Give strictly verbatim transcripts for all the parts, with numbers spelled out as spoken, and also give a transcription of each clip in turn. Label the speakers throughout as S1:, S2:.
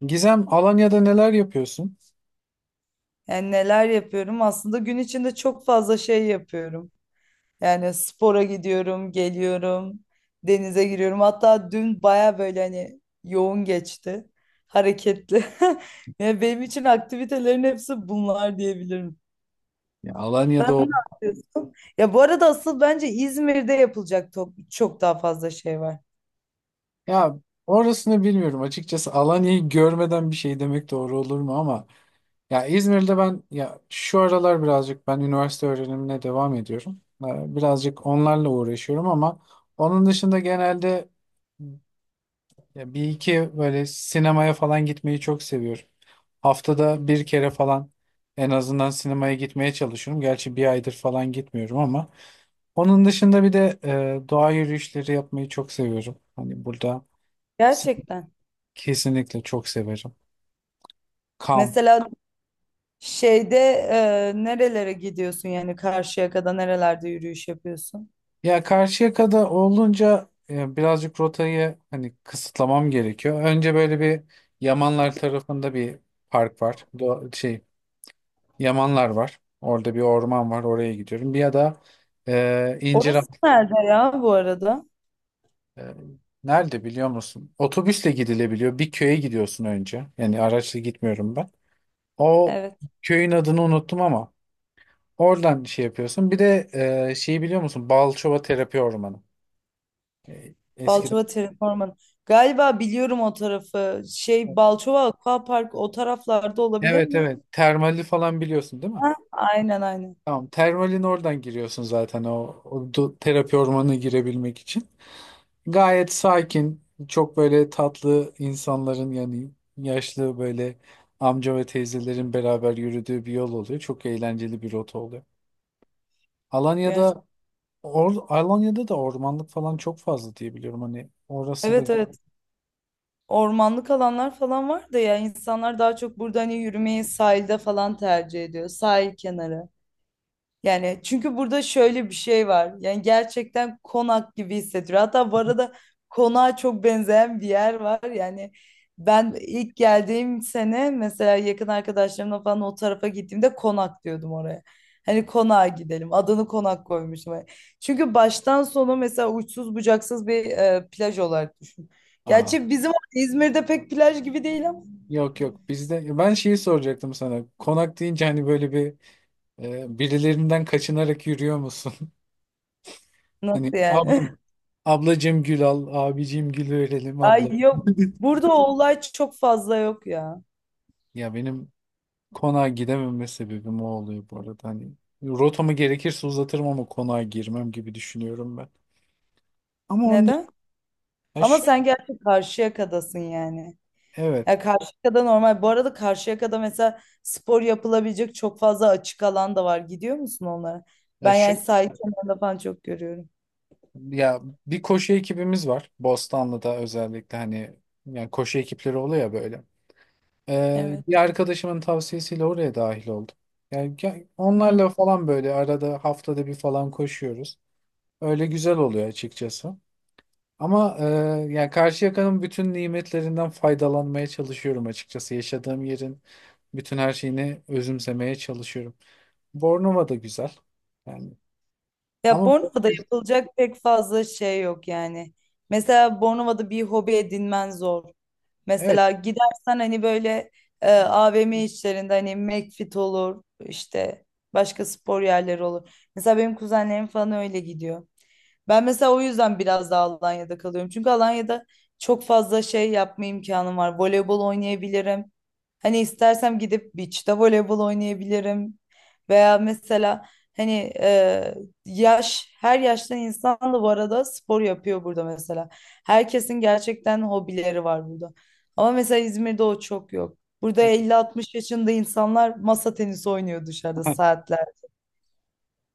S1: Gizem, Alanya'da neler yapıyorsun?
S2: Yani neler yapıyorum? Aslında gün içinde çok fazla şey yapıyorum. Yani spora gidiyorum, geliyorum, denize giriyorum. Hatta dün baya böyle hani yoğun geçti, hareketli. Yani benim için aktivitelerin hepsi bunlar diyebilirim.
S1: Ya Alanya'da
S2: Sen ne
S1: ol.
S2: yapıyorsun? Ya bu arada asıl bence İzmir'de yapılacak to- çok daha fazla şey var.
S1: Ya orasını bilmiyorum açıkçası. Alanya'yı görmeden bir şey demek doğru olur mu ama ya İzmir'de ben ya şu aralar birazcık ben üniversite öğrenimine devam ediyorum. Ee, Birazcık onlarla uğraşıyorum ama onun dışında genelde ya bir iki böyle sinemaya falan gitmeyi çok seviyorum. Haftada bir kere falan en azından sinemaya gitmeye çalışıyorum. Gerçi bir aydır falan gitmiyorum ama onun dışında bir de e, doğa yürüyüşleri yapmayı çok seviyorum. Hani burada s-
S2: Gerçekten.
S1: kesinlikle çok severim. Kamp.
S2: Mesela şeyde e, nerelere gidiyorsun yani Karşıyaka'da nerelerde yürüyüş yapıyorsun?
S1: Ya Karşıyaka'da olunca e, birazcık rotayı hani kısıtlamam gerekiyor. Önce böyle bir Yamanlar tarafında bir park var. Do şey, Yamanlar var. Orada bir orman var. Oraya gidiyorum. Bir ya da e, İncirhan.
S2: Orası nerede ya bu arada?
S1: E, Nerede biliyor musun? Otobüsle gidilebiliyor. Bir köye gidiyorsun önce. Yani araçla gitmiyorum ben. O
S2: Evet.
S1: köyün adını unuttum ama oradan şey yapıyorsun. Bir de e, şeyi biliyor musun? Balçova Terapi Ormanı. E, eskiden.
S2: Balçova Terraforma'nın. Galiba biliyorum o tarafı. Şey Balçova Aquapark o taraflarda olabilir
S1: Evet,
S2: mi?
S1: evet. Termali falan biliyorsun değil mi?
S2: Ha, aynen aynen.
S1: Tamam. Termalin oradan giriyorsun zaten o, o do- terapi ormanına girebilmek için. Gayet sakin, çok böyle tatlı insanların yani yaşlı böyle amca ve teyzelerin beraber yürüdüğü bir yol oluyor. Çok eğlenceli bir rota oluyor.
S2: Gerçi.
S1: Alanya'da or, Alanya'da da ormanlık falan çok fazla diye biliyorum. Hani orası da.
S2: Evet evet. Ormanlık alanlar falan var da ya insanlar daha çok burada hani yürümeyi sahilde falan tercih ediyor. Sahil kenarı. Yani çünkü burada şöyle bir şey var. Yani gerçekten konak gibi hissettiriyor. Hatta bu arada konağa çok benzeyen bir yer var. Yani ben ilk geldiğim sene mesela yakın arkadaşlarımla falan o tarafa gittiğimde konak diyordum oraya. Hani konağa gidelim. Adını konak koymuştum. Çünkü baştan sona mesela uçsuz bucaksız bir e, plaj olarak düşün.
S1: Aa,
S2: Gerçi bizim İzmir'de pek plaj gibi değil ama
S1: yok yok, bizde ben şeyi soracaktım sana. Konak deyince hani böyle bir e, birilerinden kaçınarak yürüyor musun? Hani
S2: nasıl yani?
S1: abla, ablacığım gül al, abicim gül verelim
S2: Ay
S1: abla.
S2: yok. Burada o olay çok fazla yok ya.
S1: Ya benim konağa gidememe sebebim o oluyor bu arada. Hani rotamı gerekirse uzatırım ama konağa girmem gibi düşünüyorum ben. Ama onun dışında
S2: Neden?
S1: ya
S2: Ama
S1: şu
S2: sen gerçi Karşıyaka'dasın yani.
S1: evet.
S2: Ya Karşıyaka'da normal. Bu arada Karşıyaka'da mesela spor yapılabilecek çok fazla açık alan da var. Gidiyor musun onlara?
S1: Ya
S2: Ben
S1: şu
S2: yani sahil kenarında falan çok görüyorum.
S1: ya bir koşu ekibimiz var. Bostanlı'da özellikle hani yani koşu ekipleri oluyor ya böyle. Ee,
S2: Evet.
S1: bir arkadaşımın tavsiyesiyle oraya dahil oldum. Yani ge-
S2: Hı hı.
S1: onlarla falan böyle arada haftada bir falan koşuyoruz. Öyle güzel oluyor açıkçası. Ama e, yani Karşıyaka'nın bütün nimetlerinden faydalanmaya çalışıyorum açıkçası. Yaşadığım yerin bütün her şeyini özümsemeye çalışıyorum. Bornova da güzel. Yani
S2: Ya
S1: ama
S2: Bornova'da yapılacak pek fazla şey yok yani. Mesela Bornova'da bir hobi edinmen zor.
S1: evet.
S2: Mesela gidersen hani böyle e, A V M işlerinde hani McFit olur işte başka spor yerleri olur. Mesela benim kuzenlerim falan öyle gidiyor. Ben mesela o yüzden biraz daha Alanya'da kalıyorum. Çünkü Alanya'da çok fazla şey yapma imkanım var. Voleybol oynayabilirim. Hani istersem gidip beach'te voleybol oynayabilirim. Veya mesela hani e, yaş, her yaştan insan da bu arada spor yapıyor burada mesela. Herkesin gerçekten hobileri var burada. Ama mesela İzmir'de o çok yok. Burada elli, altmış yaşında insanlar masa tenisi oynuyor dışarıda saatler.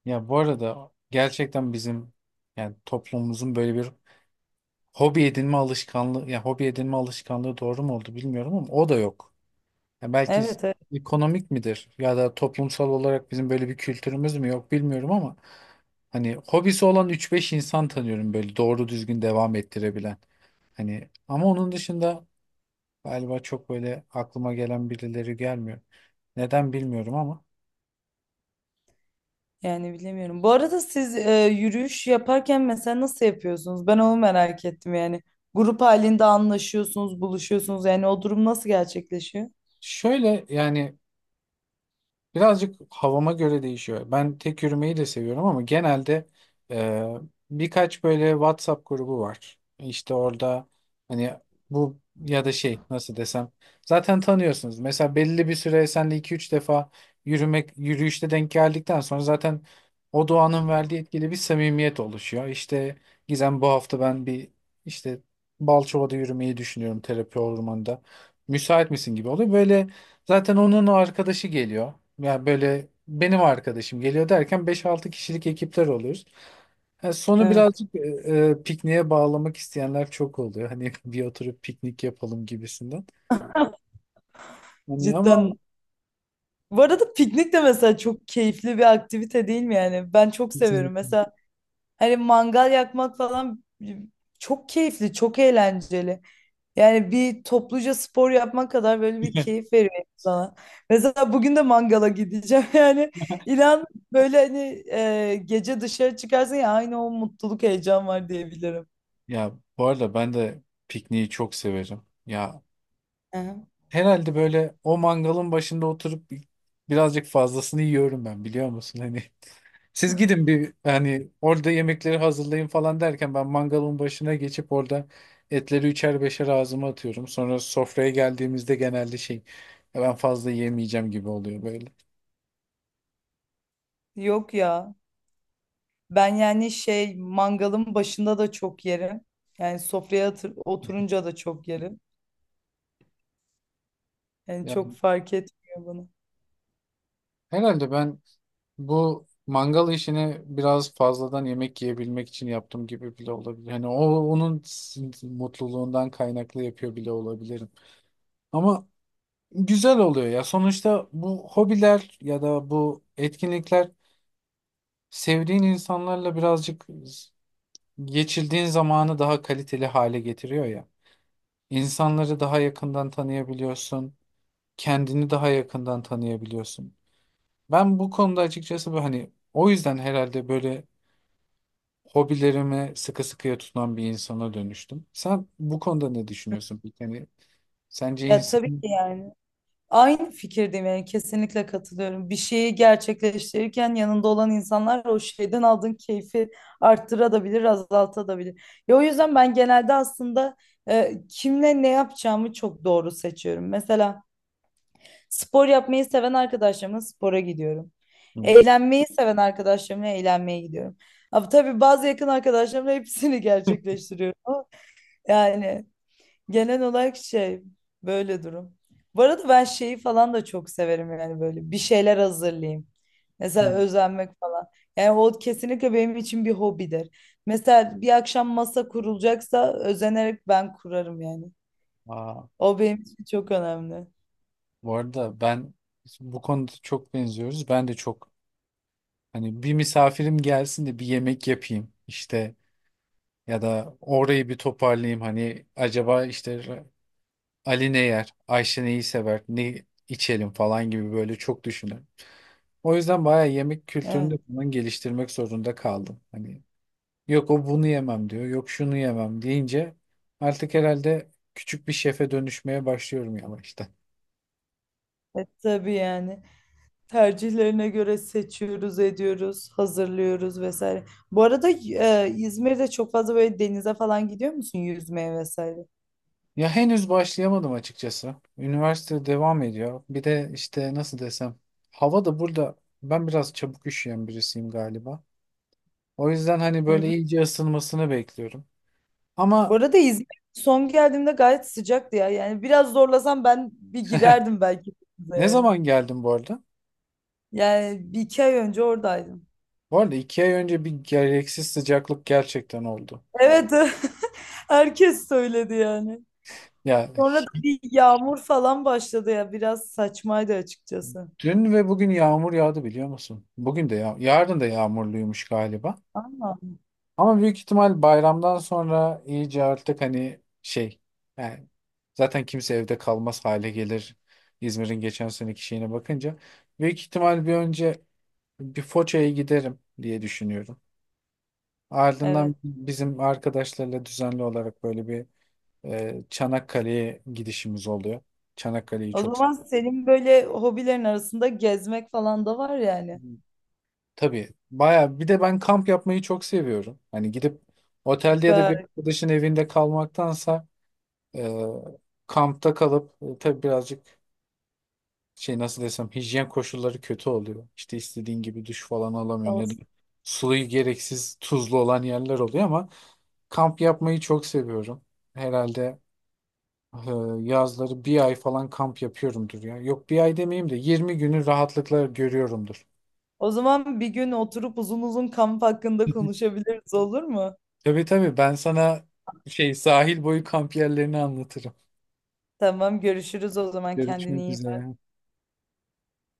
S1: Ya bu arada gerçekten bizim yani toplumumuzun böyle bir hobi edinme alışkanlığı ya hobi edinme alışkanlığı doğru mu oldu bilmiyorum ama o da yok. Ya belki s-
S2: Evet, evet.
S1: ekonomik midir ya da toplumsal olarak bizim böyle bir kültürümüz mü yok bilmiyorum ama hani hobisi olan üç beş insan tanıyorum böyle doğru düzgün devam ettirebilen. Hani ama onun dışında galiba çok böyle aklıma gelen birileri gelmiyor. Neden bilmiyorum ama
S2: Yani bilemiyorum. Bu arada siz e, yürüyüş yaparken mesela nasıl yapıyorsunuz? Ben onu merak ettim yani. Grup halinde anlaşıyorsunuz, buluşuyorsunuz. Yani o durum nasıl gerçekleşiyor?
S1: şöyle yani birazcık havama göre değişiyor. Ben tek yürümeyi de seviyorum ama genelde e, birkaç böyle WhatsApp grubu var. İşte orada hani bu ya da şey nasıl desem, zaten tanıyorsunuz. Mesela belli bir süre senle iki üç defa yürümek yürüyüşte denk geldikten sonra zaten o doğanın verdiği etkili bir samimiyet oluşuyor. İşte Gizem, bu hafta ben bir işte Balçova'da yürümeyi düşünüyorum terapi ormanında. Müsait misin gibi oluyor. Böyle zaten onun o arkadaşı geliyor. Yani böyle benim arkadaşım geliyor derken beş-altı kişilik ekipler oluyoruz. Yani sonu
S2: Evet.
S1: birazcık e, e, pikniğe bağlamak isteyenler çok oluyor. Hani bir oturup piknik yapalım gibisinden. Hani ama
S2: Cidden. Bu arada piknik de mesela çok keyifli bir aktivite değil mi yani? Ben çok seviyorum. Mesela hani mangal yakmak falan ıı, çok keyifli, çok eğlenceli. Yani bir topluca spor yapmak kadar böyle bir keyif veriyor insana. Mesela bugün de mangala gideceğim. Yani inan böyle hani e, gece dışarı çıkarsın ya aynı o mutluluk heyecan var diyebilirim.
S1: ya bu arada ben de pikniği çok severim. Ya
S2: Aha.
S1: herhalde böyle o mangalın başında oturup birazcık fazlasını yiyorum ben, biliyor musun? Hani siz gidin bir hani orada yemekleri hazırlayın falan derken ben mangalın başına geçip orada etleri üçer beşer ağzıma atıyorum. Sonra sofraya geldiğimizde genelde şey "Ya ben fazla yemeyeceğim" gibi oluyor böyle.
S2: Yok ya. Ben yani şey mangalın başında da çok yerim. Yani sofraya atır- oturunca da çok yerim. Yani
S1: Ya,
S2: çok fark etmiyor bana.
S1: herhalde ben bu mangal işini biraz fazladan yemek yiyebilmek için yaptım gibi bile olabilir. Hani o onun sin- mutluluğundan kaynaklı yapıyor bile olabilirim. Ama güzel oluyor ya. Sonuçta bu hobiler ya da bu etkinlikler sevdiğin insanlarla birazcık geçirdiğin zamanı daha kaliteli hale getiriyor ya. İnsanları daha yakından tanıyabiliyorsun, kendini daha yakından tanıyabiliyorsun. Ben bu konuda açıkçası bu hani o yüzden herhalde böyle hobilerime sıkı sıkıya tutunan bir insana dönüştüm. Sen bu konuda ne düşünüyorsun peki? Hani sence
S2: Ya tabii ki
S1: insan.
S2: yani. Aynı fikirdeyim yani kesinlikle katılıyorum. Bir şeyi gerçekleştirirken yanında olan insanlar o şeyden aldığın keyfi arttırabilir, azaltabilir. Ya o yüzden ben genelde aslında e, kimle ne yapacağımı çok doğru seçiyorum. Mesela spor yapmayı seven arkadaşlarımla spora gidiyorum.
S1: Hı.
S2: Eğlenmeyi seven arkadaşlarımla eğlenmeye gidiyorum. Ama tabii bazı yakın arkadaşlarımla hepsini gerçekleştiriyorum. Ama yani genel olarak şey böyle durum. Bu arada ben şeyi falan da çok severim yani böyle bir şeyler hazırlayayım. Mesela
S1: Hı.
S2: özenmek falan. Yani o kesinlikle benim için bir hobidir. Mesela bir akşam masa kurulacaksa özenerek ben kurarım yani.
S1: Aa,
S2: O benim için çok önemli.
S1: bu arada ben bu konuda çok benziyoruz. Ben de çok hani bir misafirim gelsin de bir yemek yapayım işte ya da orayı bir toparlayayım hani acaba işte Ali ne yer, Ayşe neyi sever, ne içelim falan gibi böyle çok düşünürüm. O yüzden bayağı yemek kültürünü de
S2: Evet.
S1: falan geliştirmek zorunda kaldım. Hani yok o bunu yemem diyor, yok şunu yemem deyince artık herhalde küçük bir şefe dönüşmeye başlıyorum yavaştan.
S2: E, tabii yani. Tercihlerine göre seçiyoruz, ediyoruz, hazırlıyoruz vesaire. Bu arada e, İzmir'de çok fazla böyle denize falan gidiyor musun yüzmeye vesaire?
S1: Ya henüz başlayamadım açıkçası. Üniversite devam ediyor. Bir de işte nasıl desem, hava da burada ben biraz çabuk üşüyen birisiyim galiba. O yüzden hani
S2: Hı
S1: böyle
S2: hı.
S1: iyice ısınmasını bekliyorum.
S2: Bu
S1: Ama
S2: arada İzmir son geldiğimde gayet sıcaktı ya. Yani biraz zorlasam ben bir girerdim belki denize
S1: ne
S2: yani.
S1: zaman geldim bu arada?
S2: Yani bir iki ay önce oradaydım.
S1: Bu arada iki ay önce bir gereksiz sıcaklık gerçekten oldu.
S2: Evet, herkes söyledi yani.
S1: Ya
S2: Sonra da bir yağmur falan başladı ya. Biraz saçmaydı açıkçası.
S1: dün ve bugün yağmur yağdı biliyor musun? Bugün de yağ, yarın da yağmurluymuş galiba.
S2: Ama
S1: Ama büyük ihtimal bayramdan sonra iyice artık hani şey yani zaten kimse evde kalmaz hale gelir. İzmir'in geçen seneki şeyine bakınca büyük ihtimal bir önce bir Foça'ya giderim diye düşünüyorum. Ardından
S2: evet.
S1: bizim arkadaşlarla düzenli olarak böyle bir e, Çanakkale'ye gidişimiz oluyor. Çanakkale'yi
S2: O
S1: çok
S2: zaman senin böyle hobilerin arasında gezmek falan da var yani.
S1: tabii baya, bir de ben kamp yapmayı çok seviyorum. Hani gidip otelde ya da bir
S2: Süper.
S1: arkadaşın evinde kalmaktansa Ee, kampta kalıp, e, tabii birazcık şey nasıl desem hijyen koşulları kötü oluyor. İşte istediğin gibi duş falan alamıyorsun ya da
S2: Olsun.
S1: suyu gereksiz tuzlu olan yerler oluyor ama kamp yapmayı çok seviyorum. Herhalde e, yazları bir ay falan kamp yapıyorumdur ya. Yok bir ay demeyeyim de yirmi günü rahatlıkla görüyorumdur.
S2: O zaman bir gün oturup uzun uzun kamp hakkında konuşabiliriz olur mu?
S1: Tabii tabii ben sana şey sahil boyu kamp yerlerini anlatırım.
S2: Tamam görüşürüz o zaman kendine
S1: Görüşmek
S2: iyi
S1: üzere.